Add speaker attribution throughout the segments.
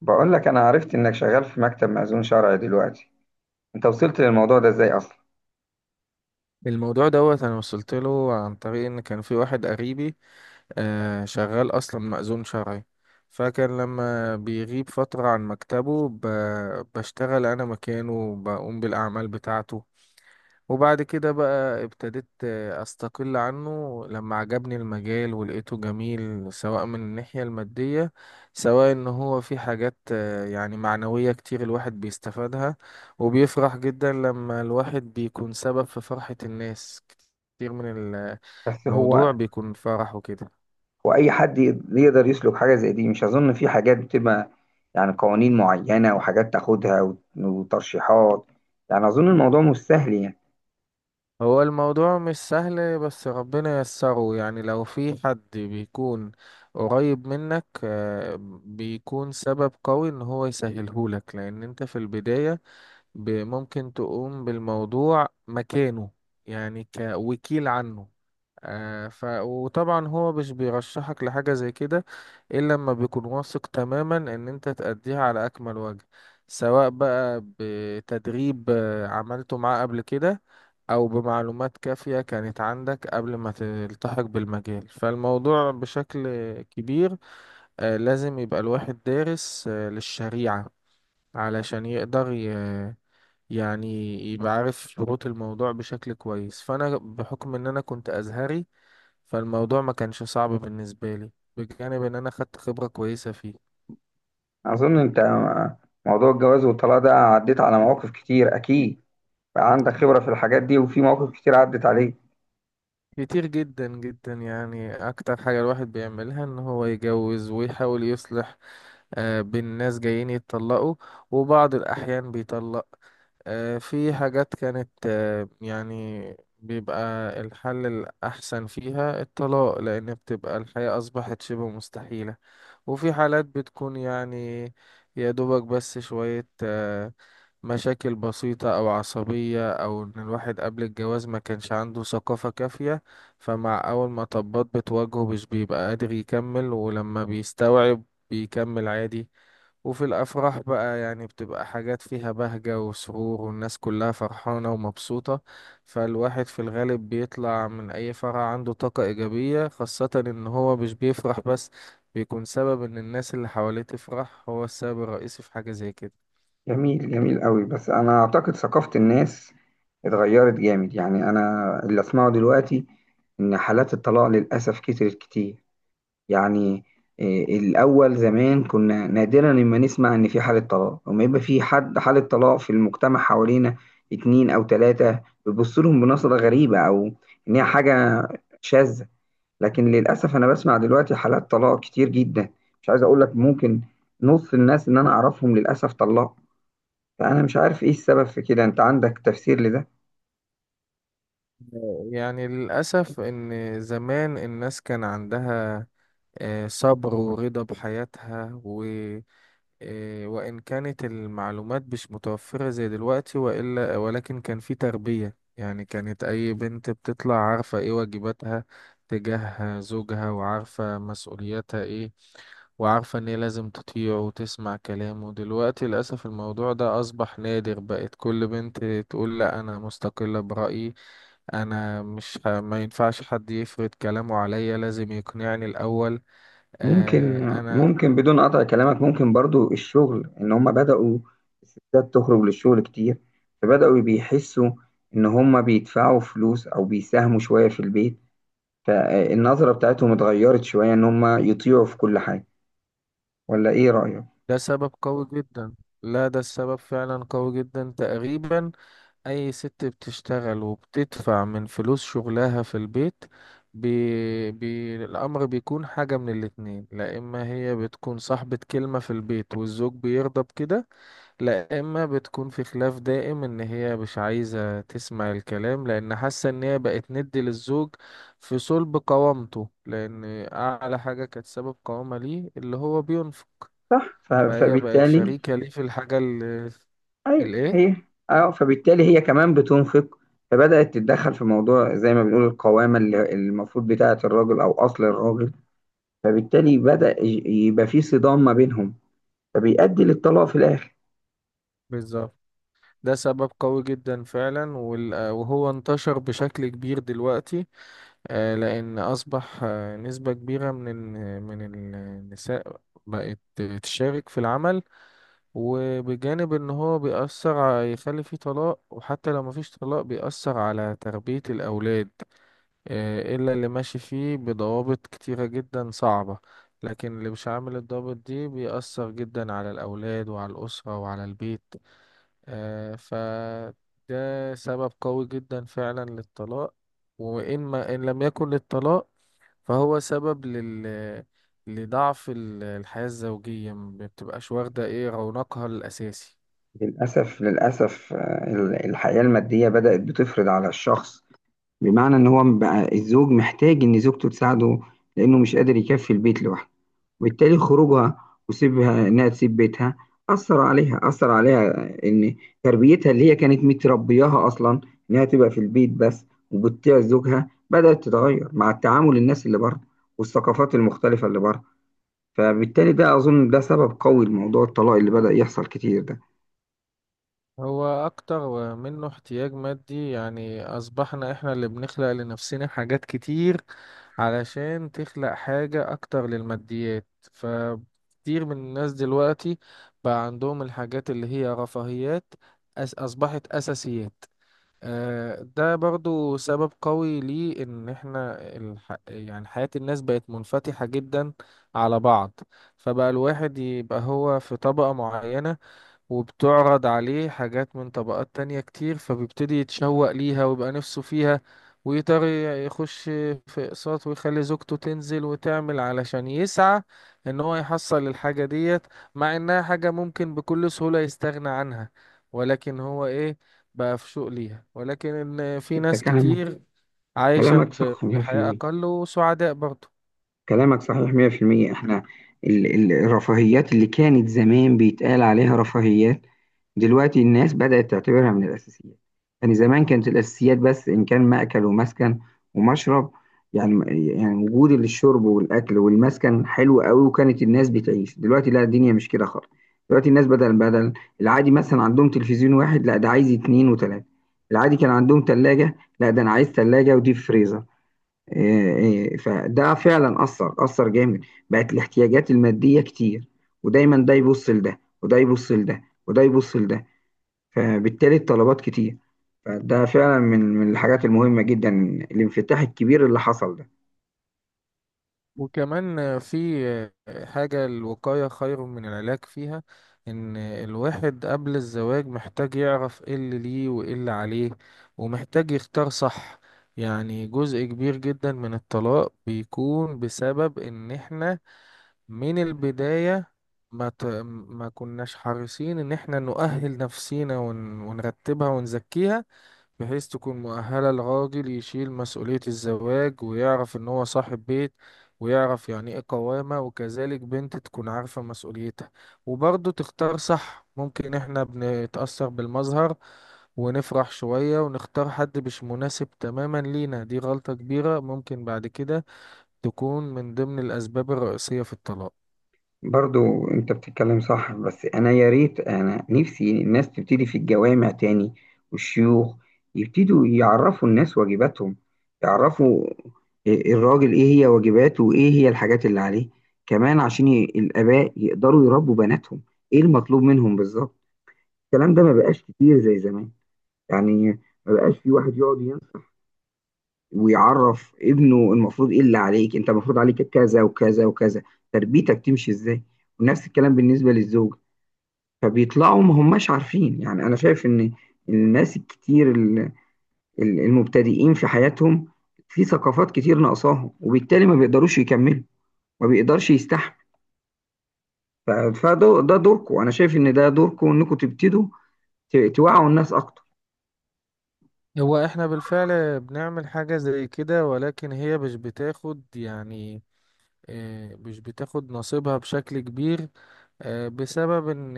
Speaker 1: بقول لك انا عرفت انك شغال في مكتب مأذون شرعي دلوقتي. انت وصلت للموضوع ده ازاي اصلا؟
Speaker 2: الموضوع دوت انا وصلت له عن طريق ان كان في واحد قريبي، شغال اصلا مأذون شرعي. فكان لما بيغيب فترة عن مكتبه بشتغل انا مكانه وبقوم بالاعمال بتاعته. وبعد كده بقى ابتديت، استقل عنه لما عجبني المجال ولقيته جميل، سواء من الناحية المادية، سواء ان هو في حاجات يعني معنوية كتير الواحد بيستفادها. وبيفرح جدا لما الواحد بيكون سبب في فرحة الناس كتير من
Speaker 1: بس هو
Speaker 2: الموضوع. بيكون فرح وكده.
Speaker 1: هو اي حد يقدر يسلك حاجه زي دي. مش اظن في حاجات بتبقى، يعني قوانين معينه وحاجات تاخدها وترشيحات. يعني اظن الموضوع مش سهل يعني.
Speaker 2: هو الموضوع مش سهل بس ربنا ييسره، يعني لو في حد بيكون قريب منك بيكون سبب قوي ان هو يسهلهولك، لان انت في البداية ممكن تقوم بالموضوع مكانه، يعني كوكيل عنه. آه ف وطبعا هو مش بيرشحك لحاجة زي كده إلا لما بيكون واثق تماما إن أنت تأديها على أكمل وجه. سواء بقى بتدريب عملته معاه قبل كده، أو بمعلومات كافية كانت عندك قبل ما تلتحق بالمجال. فالموضوع بشكل كبير لازم يبقى الواحد دارس للشريعة علشان يقدر يعني يبقى عارف شروط الموضوع بشكل كويس. فأنا بحكم إن أنا كنت أزهري، فالموضوع ما كانش صعب بالنسبة لي، بجانب ان انا خدت خبرة كويسة فيه.
Speaker 1: اظن انت موضوع الجواز والطلاق ده عديت على مواقف كتير اكيد. بقى عندك خبره في الحاجات دي وفي مواقف كتير عدت عليك.
Speaker 2: كتير جدا جدا، يعني اكتر حاجة الواحد بيعملها ان هو يجوز ويحاول يصلح بين ناس جايين يتطلقوا. وبعض الاحيان بيطلق. في حاجات كانت يعني بيبقى الحل الاحسن فيها الطلاق، لان بتبقى الحياة اصبحت شبه مستحيلة. وفي حالات بتكون، يعني يا دوبك بس شوية مشاكل بسيطة أو عصبية، أو إن الواحد قبل الجواز ما كانش عنده ثقافة كافية، فمع أول ما طبات بتواجهه مش بيبقى قادر يكمل، ولما بيستوعب بيكمل عادي. وفي الأفراح بقى، يعني بتبقى حاجات فيها بهجة وسرور، والناس كلها فرحانة ومبسوطة. فالواحد في الغالب بيطلع من أي فرح عنده طاقة إيجابية، خاصة إن هو مش بيفرح بس، بيكون سبب إن الناس اللي حواليه تفرح، هو السبب الرئيسي في حاجة زي كده.
Speaker 1: جميل جميل قوي. بس انا اعتقد ثقافة الناس اتغيرت جامد. يعني انا اللي اسمعه دلوقتي ان حالات الطلاق للاسف كترت كتير. يعني إيه، الاول زمان كنا نادرا لما نسمع ان في حالة طلاق. لما يبقى في حد حالة طلاق في المجتمع حوالينا اتنين او تلاتة بيبص لهم بنظرة غريبة، او ان هي حاجة شاذة. لكن للاسف انا بسمع دلوقتي حالات طلاق كتير جدا. مش عايز اقول لك ممكن نص الناس اللي انا اعرفهم للاسف طلاق. فأنا مش عارف إيه السبب في كده، أنت عندك تفسير لده؟
Speaker 2: يعني للأسف، إن زمان الناس كان عندها صبر ورضا بحياتها، و إيه، وإن كانت المعلومات مش متوفرة زي دلوقتي وإلا، ولكن كان في تربية، يعني كانت أي بنت بتطلع عارفة إيه واجباتها تجاه زوجها، وعارفة مسؤولياتها إيه، وعارفة إن هي لازم تطيعه وتسمع كلامه. دلوقتي للأسف الموضوع ده أصبح نادر، بقت كل بنت تقول لأ، أنا مستقلة برأيي. انا مش ما ينفعش حد يفرض كلامه عليا، لازم يقنعني الاول،
Speaker 1: ممكن
Speaker 2: انا.
Speaker 1: ممكن بدون قطع كلامك، ممكن برضو الشغل إن هما بدأوا الستات تخرج للشغل كتير، فبدأوا بيحسوا إن هما بيدفعوا فلوس أو بيساهموا شوية في البيت، فالنظرة بتاعتهم اتغيرت شوية إن هما يطيعوا في كل حاجة. ولا إيه رأيك؟
Speaker 2: ده سبب قوي جدا. لا، ده السبب فعلا قوي جدا. تقريبا اي ست بتشتغل وبتدفع من فلوس شغلها في البيت، الامر بيكون حاجة من الاتنين، لا اما هي بتكون صاحبة كلمة في البيت والزوج بيرضى بكده، لا اما بتكون في خلاف دائم ان هي مش عايزة تسمع الكلام، لان حاسة ان هي بقت ند للزوج في صلب قوامته، لان اعلى حاجة كانت سبب قوامة ليه اللي هو بينفق.
Speaker 1: صح،
Speaker 2: فهي بقت
Speaker 1: فبالتالي
Speaker 2: شريكة ليه في الحاجة اللي
Speaker 1: أيوه،
Speaker 2: الايه.
Speaker 1: هي. فبالتالي هي كمان بتنفق، فبدأت تتدخل في موضوع زي ما بنقول القوامة اللي المفروض بتاعة الراجل أو أصل الراجل. فبالتالي بدأ يبقى في صدام ما بينهم، فبيؤدي للطلاق في الآخر.
Speaker 2: بالظبط. ده سبب قوي جدا فعلا، وهو انتشر بشكل كبير دلوقتي، لأن أصبح نسبة كبيرة من من النساء بقت تشارك في العمل. وبجانب ان هو بيأثر يخلي فيه طلاق، وحتى لو مفيش طلاق بيأثر على تربية الأولاد، إلا اللي ماشي فيه بضوابط كتيرة جدا صعبة. لكن اللي مش عامل الضوابط دي بيأثر جدا على الأولاد وعلى الأسرة وعلى البيت. فده سبب قوي جدا فعلا للطلاق. وإن ما إن لم يكن للطلاق، فهو سبب لضعف الحياة الزوجية، ما بتبقاش واخدة ايه رونقها الأساسي.
Speaker 1: للأسف، للأسف. الحياة المادية بدأت بتفرض على الشخص، بمعنى إن هو بقى الزوج محتاج إن زوجته تساعده لأنه مش قادر يكفي البيت لوحده. وبالتالي خروجها وسيبها إنها تسيب بيتها أثر عليها، أثر عليها إن تربيتها اللي هي كانت متربياها أصلا إنها تبقى في البيت بس وبتطيع زوجها بدأت تتغير مع التعامل الناس اللي بره والثقافات المختلفة اللي بره. فبالتالي ده أظن ده سبب قوي لموضوع الطلاق اللي بدأ يحصل كتير ده.
Speaker 2: هو أكتر منه احتياج مادي، يعني أصبحنا احنا اللي بنخلق لنفسنا حاجات كتير علشان تخلق حاجة أكتر للماديات. فكتير من الناس دلوقتي بقى عندهم الحاجات اللي هي رفاهيات أصبحت أساسيات. ده برضو سبب قوي ليه، إن إحنا يعني حياة الناس بقت منفتحة جدا على بعض، فبقى الواحد يبقى هو في طبقة معينة، وبتعرض عليه حاجات من طبقات تانية كتير، فبيبتدي يتشوق ليها ويبقى نفسه فيها، ويقدر يخش في اقساط، ويخلي زوجته تنزل وتعمل علشان يسعى ان هو يحصل الحاجة ديت، مع انها حاجة ممكن بكل سهولة يستغنى عنها. ولكن هو بقى في شوق ليها. ولكن ان في
Speaker 1: أنت
Speaker 2: ناس
Speaker 1: كلامك
Speaker 2: كتير عايشة
Speaker 1: كلامك صح
Speaker 2: بحياة
Speaker 1: 100%.
Speaker 2: اقل وسعداء برضه.
Speaker 1: كلامك صحيح 100%. احنا الرفاهيات اللي كانت زمان بيتقال عليها رفاهيات، دلوقتي الناس بدأت تعتبرها من الأساسيات. يعني زمان كانت الأساسيات بس إن كان مأكل ومسكن ومشرب. يعني وجود الشرب والأكل والمسكن حلو قوي، وكانت الناس بتعيش. دلوقتي لا، الدنيا مش كده خالص. دلوقتي الناس، بدل العادي مثلا عندهم تلفزيون واحد، لا ده عايز اتنين وتلاتة. العادي كان عندهم تلاجة، لا ده أنا عايز تلاجة وديب فريزر. إيه، إيه. فده فعلا أثر جامد. بقت الاحتياجات المادية كتير، ودايما ده يبص لده وده يبص لده وده يبص لده، فبالتالي الطلبات كتير. فده فعلا من الحاجات المهمة جدا، الانفتاح الكبير اللي حصل ده.
Speaker 2: وكمان في حاجة الوقاية خير من العلاج فيها، إن الواحد قبل الزواج محتاج يعرف إيه اللي ليه وإيه اللي عليه، ومحتاج يختار صح. يعني جزء كبير جدا من الطلاق بيكون بسبب إن إحنا من البداية ما كناش حريصين إن إحنا نؤهل نفسينا ونرتبها ونزكيها، بحيث تكون مؤهلة، الراجل يشيل مسؤولية الزواج ويعرف إن هو صاحب بيت، ويعرف يعني إيه قوامة، وكذلك بنت تكون عارفة مسؤوليتها وبرضه تختار صح. ممكن إحنا بنتأثر بالمظهر ونفرح شوية ونختار حد مش مناسب تماما لينا، دي غلطة كبيرة ممكن بعد كده تكون من ضمن الأسباب الرئيسية في الطلاق.
Speaker 1: برضو انت بتتكلم صح. بس يا ريت انا نفسي الناس تبتدي في الجوامع تاني والشيوخ يبتدوا يعرفوا الناس واجباتهم. يعرفوا الراجل ايه هي واجباته وايه هي الحاجات اللي عليه، كمان عشان الاباء يقدروا يربوا بناتهم. ايه المطلوب منهم بالظبط؟ الكلام ده ما بقاش كتير زي زمان، يعني ما بقاش في واحد يقعد ينصح ويعرف ابنه المفروض، ايه اللي عليك انت المفروض عليك كذا وكذا وكذا، تربيتك تمشي ازاي. ونفس الكلام بالنسبة للزوج. فبيطلعوا ما هماش عارفين. يعني انا شايف ان الناس الكتير المبتدئين في حياتهم في ثقافات كتير ناقصاهم، وبالتالي ما بيقدروش يكملوا، ما بيقدرش يستحمل. فده دوركم، انا شايف ان ده دوركم انكم تبتدوا توعوا الناس اكتر.
Speaker 2: هو إحنا بالفعل بنعمل حاجة زي كده، ولكن هي مش بتاخد، يعني مش بتاخد نصيبها بشكل كبير، بسبب ان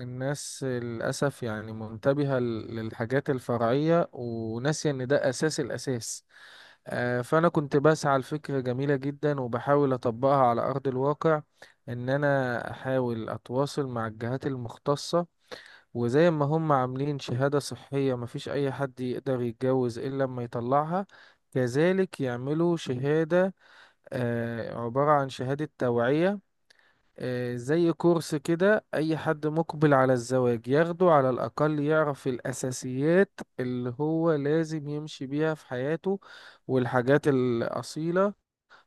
Speaker 2: الناس للأسف يعني منتبهة للحاجات الفرعية، وناسية ان ده أساس الأساس. فأنا كنت بسعى لفكرة جميلة جدا وبحاول أطبقها على أرض الواقع، ان انا احاول اتواصل مع الجهات المختصة، وزي ما هم عاملين شهادة صحية مفيش اي حد يقدر يتجوز الا لما يطلعها، كذلك يعملوا شهادة، عبارة عن شهادة توعية، زي كورس كده. أي حد مقبل على الزواج ياخده على الأقل يعرف الأساسيات اللي هو لازم يمشي بيها في حياته والحاجات الأصيلة،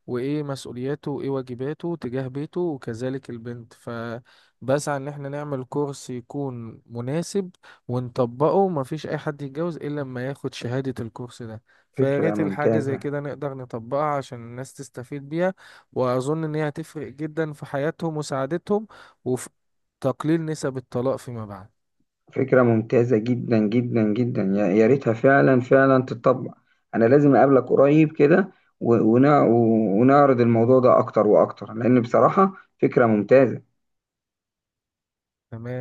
Speaker 2: وايه مسؤولياته وايه واجباته تجاه بيته، وكذلك البنت. فبسعى ان احنا نعمل كورس يكون مناسب ونطبقه، مفيش اي حد يتجوز الا لما ياخد شهادة الكورس ده. فيا
Speaker 1: فكرة
Speaker 2: ريت الحاجة زي
Speaker 1: ممتازة.
Speaker 2: كده نقدر نطبقها عشان الناس تستفيد بيها. واظن ان هي هتفرق جدا في حياتهم وسعادتهم، وفي تقليل نسب الطلاق فيما بعد.
Speaker 1: فكرة ممتازة جدا جدا جدا، يا ريتها فعلا فعلا تتطبق. انا لازم اقابلك قريب كده و- ونع- ونعرض الموضوع ده اكتر واكتر، لان بصراحة فكرة ممتازة.
Speaker 2: تمام.